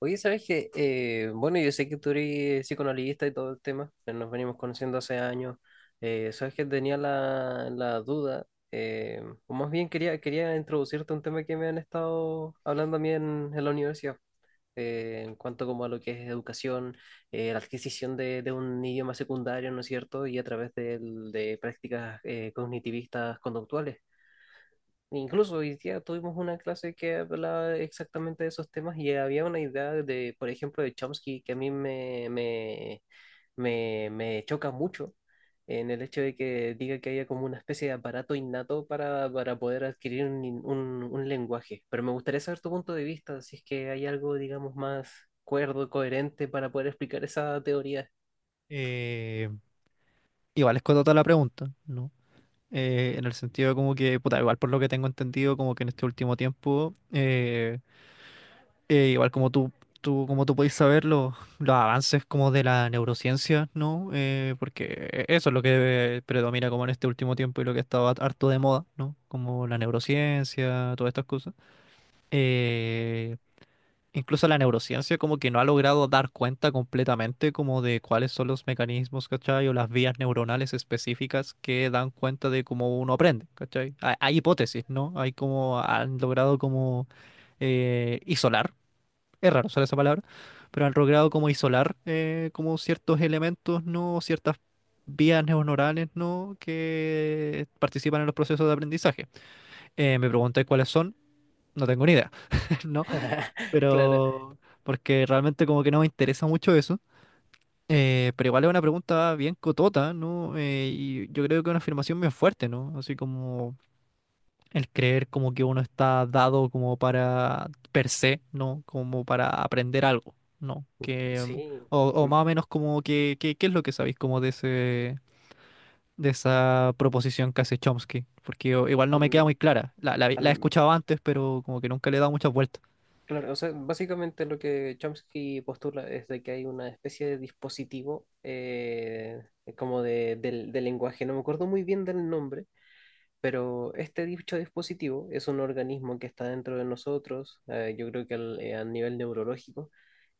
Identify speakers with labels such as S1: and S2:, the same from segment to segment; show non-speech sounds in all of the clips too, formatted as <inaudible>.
S1: Oye, ¿sabes qué? Bueno, yo sé que tú eres psicoanalista y todo el tema, nos venimos conociendo hace años. ¿Sabes que tenía la duda, o más bien quería introducirte un tema que me han estado hablando a mí en la universidad, en cuanto como a lo que es educación, la adquisición de un idioma secundario, ¿no es cierto? Y a través de prácticas cognitivistas conductuales. Incluso hoy día tuvimos una clase que hablaba exactamente de esos temas y había una idea de, por ejemplo, de Chomsky que a mí me, me, me, me choca mucho en el hecho de que diga que haya como una especie de aparato innato para poder adquirir un lenguaje. Pero me gustaría saber tu punto de vista, si es que hay algo, digamos, más cuerdo, coherente para poder explicar esa teoría.
S2: Eh, Igual es toda la pregunta, ¿no? En el sentido de como que, puta, igual por lo que tengo entendido, como que en este último tiempo, igual como tú, como tú podéis saber, los avances como de la neurociencia, ¿no? Porque eso es lo que predomina como en este último tiempo y lo que ha estado harto de moda, ¿no? Como la neurociencia, todas estas cosas. Eh, Incluso la neurociencia como que no ha logrado dar cuenta completamente como de cuáles son los mecanismos, ¿cachai? O las vías neuronales específicas que dan cuenta de cómo uno aprende, ¿cachai? Hay hipótesis, ¿no? Hay como, han logrado como isolar, es raro usar esa palabra, pero han logrado como isolar como ciertos elementos, ¿no? Ciertas vías neuronales, ¿no? Que participan en los procesos de aprendizaje. Me pregunté cuáles son, no tengo ni idea, <laughs> ¿no?
S1: <laughs> Claro,
S2: pero porque realmente como que no me interesa mucho eso. Pero igual es una pregunta bien cotota, ¿no? Y yo creo que es una afirmación bien fuerte, ¿no? Así como el creer como que uno está dado como para per se, ¿no? Como para aprender algo, ¿no? Que,
S1: sí.
S2: o
S1: Al-
S2: más o menos como que, ¿qué es lo que sabéis como de de esa proposición que hace Chomsky? Porque igual no me queda muy
S1: al-
S2: clara. La he
S1: al-
S2: escuchado antes, pero como que nunca le he dado muchas vueltas.
S1: Claro, o sea, básicamente lo que Chomsky postula es de que hay una especie de dispositivo como de, del lenguaje, no me acuerdo muy bien del nombre, pero este dicho dispositivo es un organismo que está dentro de nosotros, yo creo que a nivel neurológico,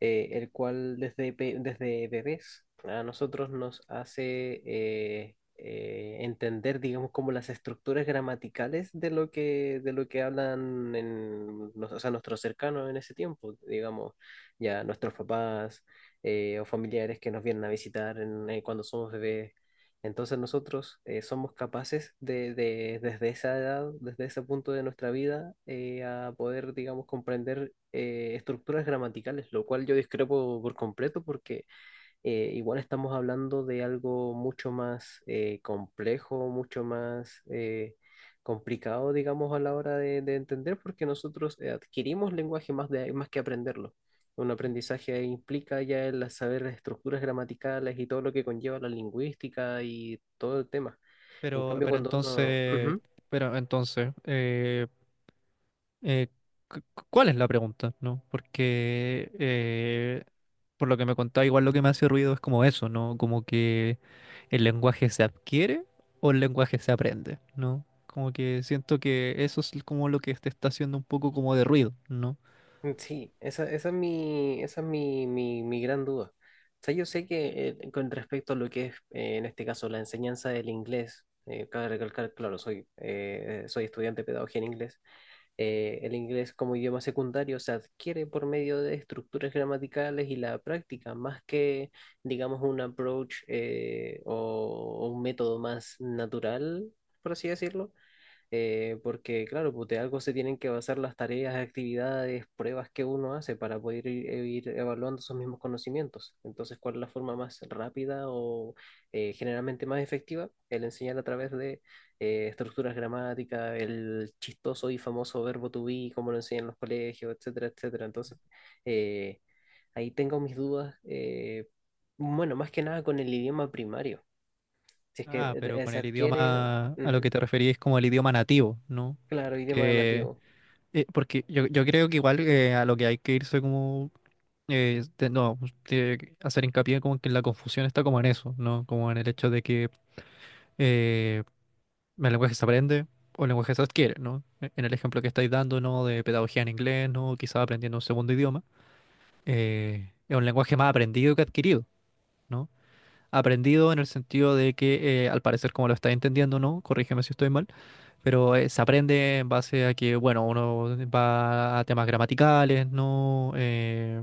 S1: el cual desde bebés a nosotros nos hace entender, digamos, como las estructuras gramaticales de lo que hablan o sea, nuestros cercanos en ese tiempo, digamos, ya nuestros papás o familiares que nos vienen a visitar cuando somos bebés. Entonces nosotros somos capaces desde esa edad, desde ese punto de nuestra vida, a poder, digamos, comprender estructuras gramaticales, lo cual yo discrepo por completo porque igual estamos hablando de algo mucho más complejo, mucho más complicado, digamos, a la hora de entender, porque nosotros adquirimos lenguaje más, más que aprenderlo. Un aprendizaje implica ya el saber las estructuras gramaticales y todo lo que conlleva la lingüística y todo el tema. En
S2: Pero,
S1: cambio,
S2: pero
S1: cuando uno...
S2: entonces,
S1: Ujú.
S2: pero entonces, eh, cu- cu- ¿Cuál es la pregunta? ¿No? Porque por lo que me contaba, igual lo que me hace ruido es como eso, ¿no? Como que el lenguaje se adquiere o el lenguaje se aprende, ¿no? Como que siento que eso es como lo que te está haciendo un poco como de ruido, ¿no?
S1: Mm. Sí, esa es esa es mi gran duda. O sea, yo sé que con respecto a lo que es, en este caso, la enseñanza del inglés, cabe recalcar, claro, soy estudiante de pedagogía en inglés, el inglés como idioma secundario se adquiere por medio de estructuras gramaticales y la práctica, más que, digamos, un approach o un método más natural, por así decirlo, porque claro, pues de algo se tienen que basar las tareas, actividades, pruebas que uno hace para poder ir, e ir evaluando esos mismos conocimientos. Entonces, ¿cuál es la forma más rápida o generalmente más efectiva? El enseñar a través de estructuras gramáticas, el chistoso y famoso verbo to be, como lo enseñan en los colegios, etcétera, etcétera. Entonces, eh, ahí tengo mis dudas, bueno, más que nada con el idioma primario. Si es que
S2: Ah, pero con
S1: se
S2: el
S1: adquiere,
S2: idioma a lo que
S1: ujú,
S2: te referís como el idioma nativo, ¿no?
S1: claro, idioma
S2: Porque,
S1: nativo.
S2: porque yo creo que igual a lo que hay que irse como no, pues, de hacer hincapié como que la confusión está como en eso, ¿no? Como en el hecho de que eh, el lenguaje se aprende o el lenguaje se adquiere, ¿no? En el ejemplo que estáis dando, ¿no? De pedagogía en inglés, ¿no? Quizás aprendiendo un segundo idioma. Es un lenguaje más aprendido que adquirido, ¿no? Aprendido en el sentido de que, al parecer, como lo estáis entendiendo, ¿no? Corrígeme si estoy mal, pero se aprende en base a que, bueno, uno va a temas gramaticales, ¿no?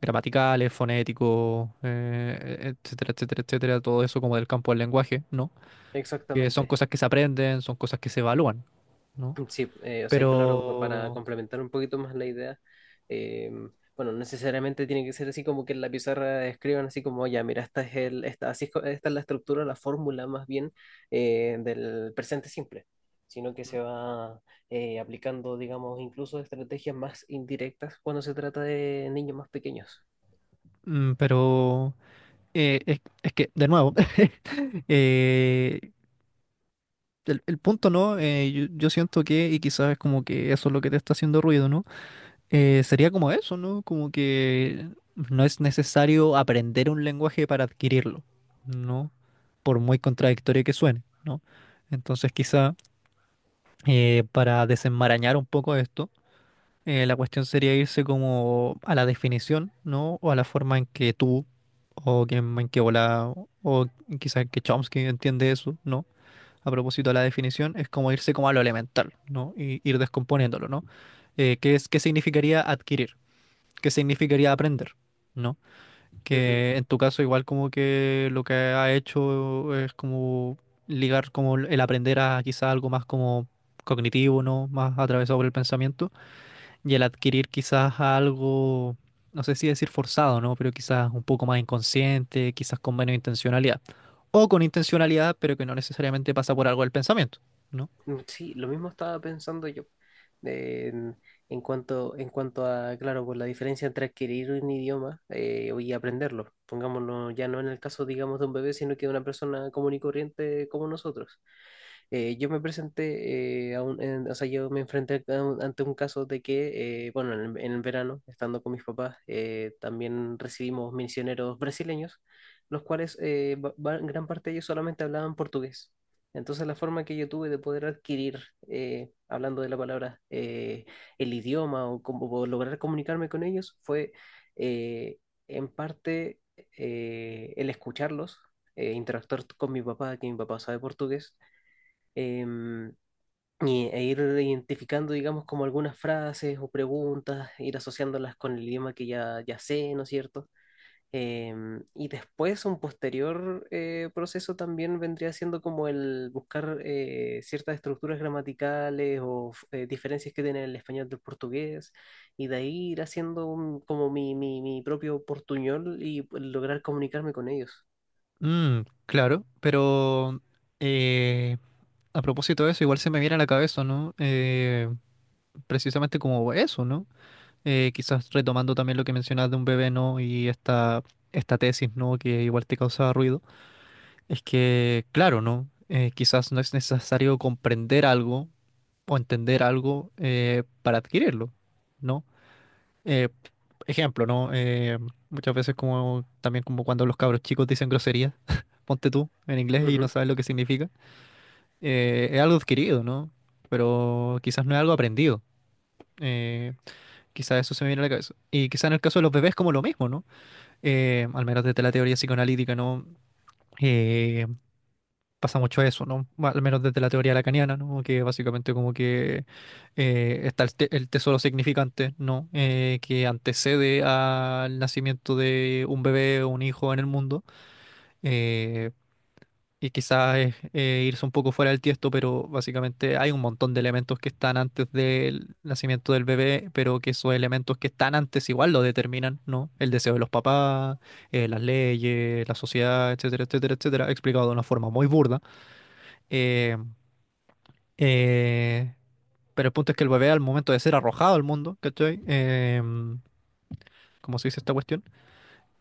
S2: gramaticales, fonéticos, etcétera, etcétera, etcétera, todo eso como del campo del lenguaje, ¿no? Que son
S1: Exactamente.
S2: cosas que se aprenden, son cosas que se evalúan, ¿no?
S1: Mm. Sí, o sea, y claro, para
S2: Pero,
S1: complementar un poquito más la idea, eh, bueno, no necesariamente tiene que ser así como que en la pizarra escriban así como, ya, mira, esta es el, esta, así esta es la estructura, la fórmula más bien del presente simple, sino que se va aplicando, digamos, incluso estrategias más indirectas cuando se trata de niños más pequeños.
S2: mm, pero, es que, de nuevo, <laughs> eh, el punto, ¿no? Eh, yo siento que, y quizás es como que eso es lo que te está haciendo ruido, ¿no? Sería como eso, ¿no? Como que no es necesario aprender un lenguaje para adquirirlo, ¿no? Por muy contradictorio que suene, ¿no? Entonces quizá para desenmarañar un poco esto, la cuestión sería irse como a la definición, ¿no? O a la forma en que o que, en que Ola, o quizá que Chomsky entiende eso, ¿no? A propósito de la definición, es como irse como a lo elemental, ¿no? Y ir descomponiéndolo, ¿no? ¿Qué es, qué significaría adquirir? Qué significaría aprender, ¿no? Que en tu caso igual como que lo que ha hecho es como ligar como el aprender a quizás algo más como cognitivo, ¿no? Más atravesado por el pensamiento y el adquirir quizás algo, no sé si decir forzado, ¿no? Pero quizás un poco más inconsciente, quizás con menos intencionalidad. O con intencionalidad, pero que no necesariamente pasa por algo del pensamiento, ¿no?
S1: Mm. Sí, lo mismo estaba pensando yo. eh, En, en cuanto a, claro, por la diferencia entre adquirir un idioma y aprenderlo. Pongámonos ya no en el caso, digamos, de un bebé, sino que de una persona común y corriente como nosotros. Yo me presenté, o sea, yo me enfrenté a un- ante un caso de que, bueno, en el verano, estando con mis papás, también recibimos misioneros brasileños, los cuales gran parte de ellos solamente hablaban portugués. Entonces la forma que yo tuve de poder adquirir, hablando de la palabra, el idioma o lograr comunicarme con ellos fue eh, en parte el escucharlos, interactuar con mi papá, que mi papá sabe portugués, em, y, e ir identificando, digamos, como algunas frases o preguntas, ir asociándolas con el idioma que ya sé, ¿no es cierto? Y después un posterior proceso también vendría siendo como el buscar ciertas estructuras gramaticales o diferencias que tiene el español del portugués y de ahí ir haciendo como mi propio portuñol y lograr comunicarme con ellos.
S2: Mm, claro, pero eh, a propósito de eso, igual se me viene a la cabeza, ¿no? Precisamente como eso, ¿no? Quizás retomando también lo que mencionas de un bebé, ¿no? Y esta tesis, ¿no? Que igual te causaba ruido. Es que, claro, ¿no? Quizás no es necesario comprender algo o entender algo para adquirirlo, ¿no? eh, ejemplo, ¿no? Muchas veces como también como cuando los cabros chicos dicen groserías, <laughs> ponte tú en inglés y no
S1: Ujú.
S2: sabes lo que significa. Es algo adquirido, ¿no? Pero quizás no es algo aprendido. Eh, Quizás eso se me viene a la cabeza. Y quizás en el caso de los bebés como lo mismo, ¿no? Al menos desde la teoría psicoanalítica, ¿no? Eh, Pasa mucho eso, ¿no? Al menos desde la teoría lacaniana, ¿no? Que básicamente como que está el tesoro significante, ¿no? Que antecede al nacimiento de un bebé o un hijo en el mundo. eh, y quizás es irse un poco fuera del tiesto, pero básicamente hay un montón de elementos que están antes del nacimiento del bebé, pero que esos elementos que están antes igual lo determinan, ¿no? El deseo de los papás, las leyes, la sociedad, etcétera, etcétera, etcétera, explicado de una forma muy burda. eh, eh, pero el punto es que el bebé al momento de ser arrojado al mundo, ¿cachai? Em, como se dice esta cuestión,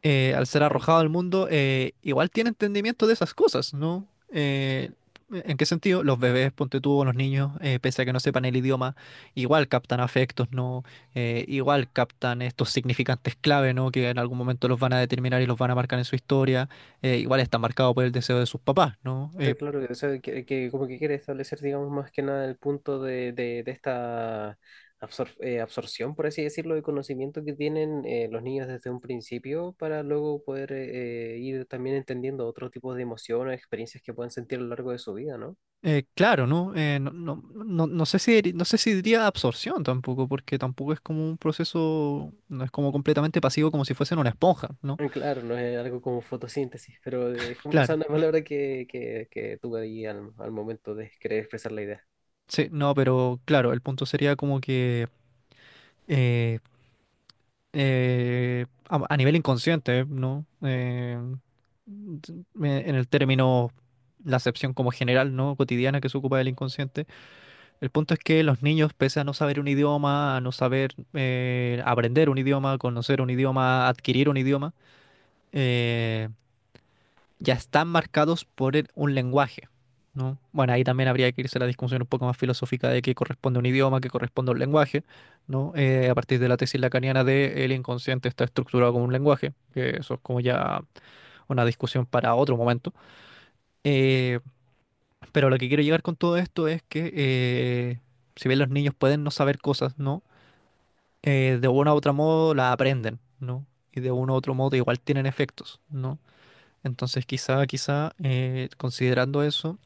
S2: al ser
S1: Ahí
S2: arrojado al mundo, igual tiene entendimiento de esas cosas, ¿no? ¿En qué sentido? Los bebés, ponte tú, o los niños, pese a que no sepan el idioma, igual captan afectos, ¿no? Igual captan estos significantes clave, ¿no? Que en algún momento los van a determinar y los van a marcar en su historia. Igual está marcado por el deseo de sus papás, ¿no?
S1: está claro, que, o sea, que como que quiere establecer, digamos, más que nada el punto de esta absorción, por así decirlo, de conocimiento que tienen los niños desde un principio para luego poder ir también entendiendo otro tipo de emociones, experiencias que puedan sentir a lo largo de su vida, ¿no?
S2: Claro, ¿no? No sé si, no sé si diría absorción tampoco, porque tampoco es como un proceso, no es como completamente pasivo como si fuesen una esponja, ¿no?
S1: Claro, no es algo como fotosíntesis, pero es como, o
S2: Claro,
S1: sea, una palabra que tuve ahí al momento de querer expresar la idea.
S2: sí, no, pero claro, el punto sería como que eh, a nivel inconsciente, ¿no? En el término, la acepción como general, ¿no? Cotidiana que se ocupa del inconsciente. El punto es que los niños, pese a no saber un idioma, a no saber aprender un idioma, conocer un idioma, adquirir un idioma, eh, ya están marcados por un lenguaje, ¿no? Bueno, ahí también habría que irse a la discusión un poco más filosófica de qué corresponde a un idioma, qué corresponde a un lenguaje, ¿no? A partir de la tesis lacaniana de el inconsciente está estructurado como un lenguaje, que eso es como ya una discusión para otro momento. Eh, pero lo que quiero llegar con todo esto es que si bien los niños pueden no saber cosas, ¿no? De uno a otro modo la aprenden, ¿no? Y de uno a otro modo igual tienen efectos, ¿no? Entonces quizá, considerando eso,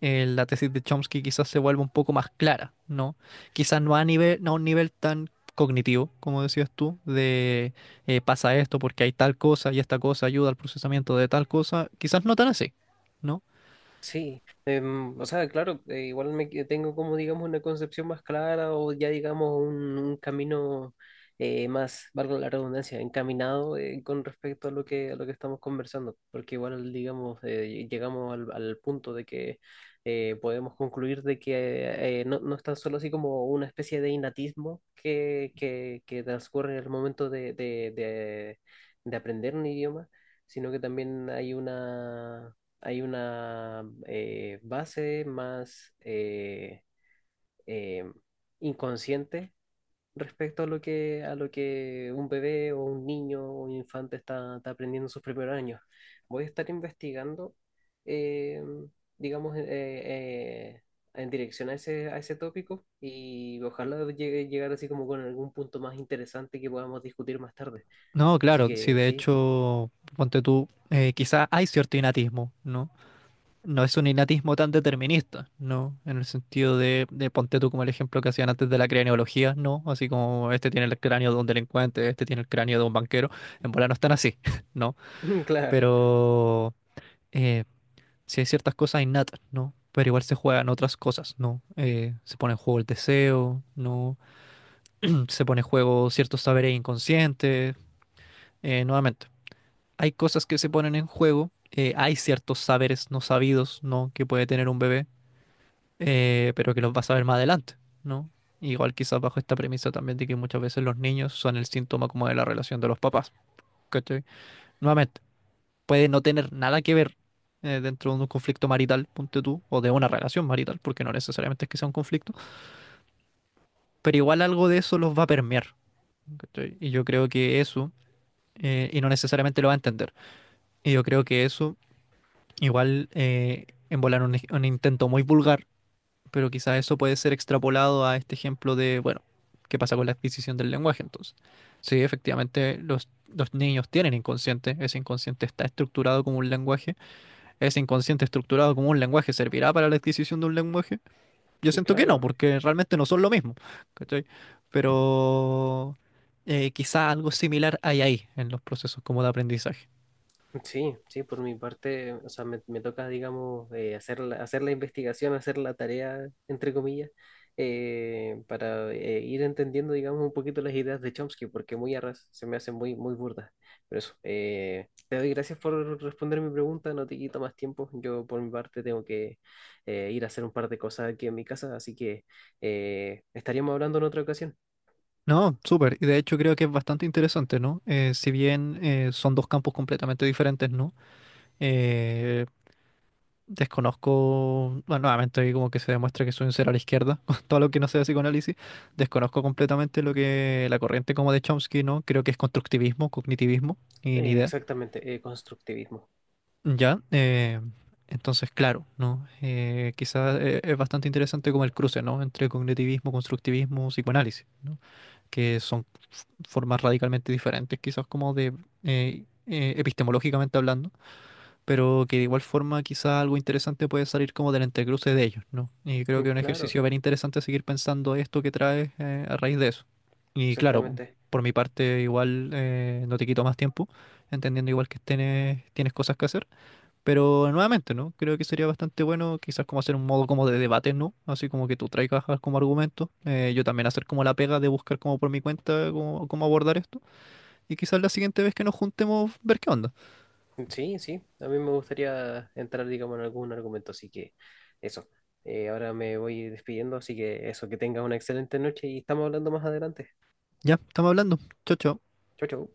S2: la tesis de Chomsky quizás se vuelva un poco más clara, ¿no? Quizás no a nivel, no a un nivel tan cognitivo, como decías tú, de pasa esto porque hay tal cosa y esta cosa ayuda al procesamiento de tal cosa, quizás no tan así, ¿no?
S1: Sí, o sea, claro, igual tengo como, digamos, una concepción más clara o ya, digamos, un camino más, valga la redundancia, encaminado con respecto a lo que estamos conversando, porque igual, digamos, llegamos al punto de que podemos concluir de que no, no es tan solo así como una especie de innatismo que transcurre en el momento de aprender un idioma, sino que también hay una base más eh, inconsciente respecto a lo que un bebé o un niño o un infante está aprendiendo en sus primeros años. Voy a estar investigando, eh, digamos, en dirección a ese tópico y ojalá llegar así como con algún punto más interesante que podamos discutir más tarde.
S2: No,
S1: Así
S2: claro, si
S1: que
S2: de
S1: sí,
S2: hecho, ponte tú, quizás hay cierto innatismo, ¿no? No es un innatismo tan determinista, ¿no? En el sentido de ponte tú como el ejemplo que hacían antes de la craneología, ¿no? Así como este tiene el cráneo de un delincuente, este tiene el cráneo de un banquero, en bola no están así, <laughs> ¿no?
S1: <laughs> claro,
S2: Pero eh, sí hay ciertas cosas innatas, ¿no? Pero igual se juegan otras cosas, ¿no? Se pone en juego el deseo, ¿no? <clears throat> Se pone en juego ciertos saberes inconscientes, nuevamente. Hay cosas que se ponen en juego, hay ciertos saberes no sabidos, ¿no? Que puede tener un bebé pero que los vas a ver más adelante, ¿no? Igual quizás bajo esta premisa también de que muchas veces los niños son el síntoma como de la relación de los papás, ¿cachai? Nuevamente, puede no tener nada que ver dentro de un conflicto marital, ponte tú, o de una relación marital, porque no necesariamente es que sea un conflicto, pero igual algo de eso los va a permear, ¿cachai? Y yo creo que eso, y no necesariamente lo va a entender, y yo creo que eso igual... En volar un intento muy vulgar pero quizás eso puede ser extrapolado a este ejemplo de, bueno, ¿qué pasa con la adquisición del lenguaje entonces? Sí, efectivamente, los niños tienen inconsciente, ese inconsciente está estructurado como un lenguaje, ese inconsciente estructurado como un lenguaje servirá para la adquisición de un lenguaje. Yo siento que no,
S1: claro.
S2: porque realmente no son lo mismo, ¿cachai? Pero quizá algo similar hay ahí en los procesos como de aprendizaje.
S1: Sí, sí, por mi parte, o sea, me toca, digamos, hacer hacer la investigación, hacer la tarea, entre comillas, para ir entendiendo, digamos, un poquito las ideas de Chomsky, porque muy a ras se me hacen muy, muy burdas. Pero eso, te doy gracias por responder mi pregunta, no te quito más tiempo. Yo, por mi parte, tengo que ir a hacer un par de cosas aquí en mi casa, así que estaríamos hablando en otra ocasión.
S2: No, súper. Y de hecho creo que es bastante interesante, ¿no? Si bien son dos campos completamente diferentes, ¿no? Eh, Desconozco, bueno, nuevamente ahí como que se demuestra que soy un cero a la izquierda, <laughs> con todo lo que no sea psicoanálisis, desconozco completamente lo que la corriente como de Chomsky, ¿no? Creo que es constructivismo, cognitivismo, ni idea.
S1: Exactamente, constructivismo.
S2: Ya, entonces, claro, ¿no? Eh, quizás es bastante interesante como el cruce, ¿no? Entre cognitivismo, constructivismo, psicoanálisis, ¿no? Que son formas radicalmente diferentes, quizás como de, epistemológicamente hablando pero que de igual forma quizá algo interesante puede salir como del entrecruce de ellos, ¿no? Y creo
S1: Mm.
S2: que es un ejercicio
S1: Claro,
S2: bien interesante seguir pensando esto que traes a raíz de eso. Y claro,
S1: exactamente.
S2: por mi parte igual no te quito más tiempo, entendiendo igual que tienes cosas que hacer, pero nuevamente, ¿no? Creo que sería bastante bueno quizás como hacer un modo como de debate, ¿no? Así como que tú traigas como argumento, yo también hacer como la pega de buscar como por mi cuenta cómo abordar esto, y quizás la siguiente vez que nos juntemos ver qué onda.
S1: Sí, sí, a mí me gustaría entrar, digamos, en algún argumento, así que eso. Ahora me voy despidiendo, así que eso, que tengas una excelente noche y estamos hablando más adelante.
S2: Ya, estamos hablando. Chao, chao.
S1: Chau, chau.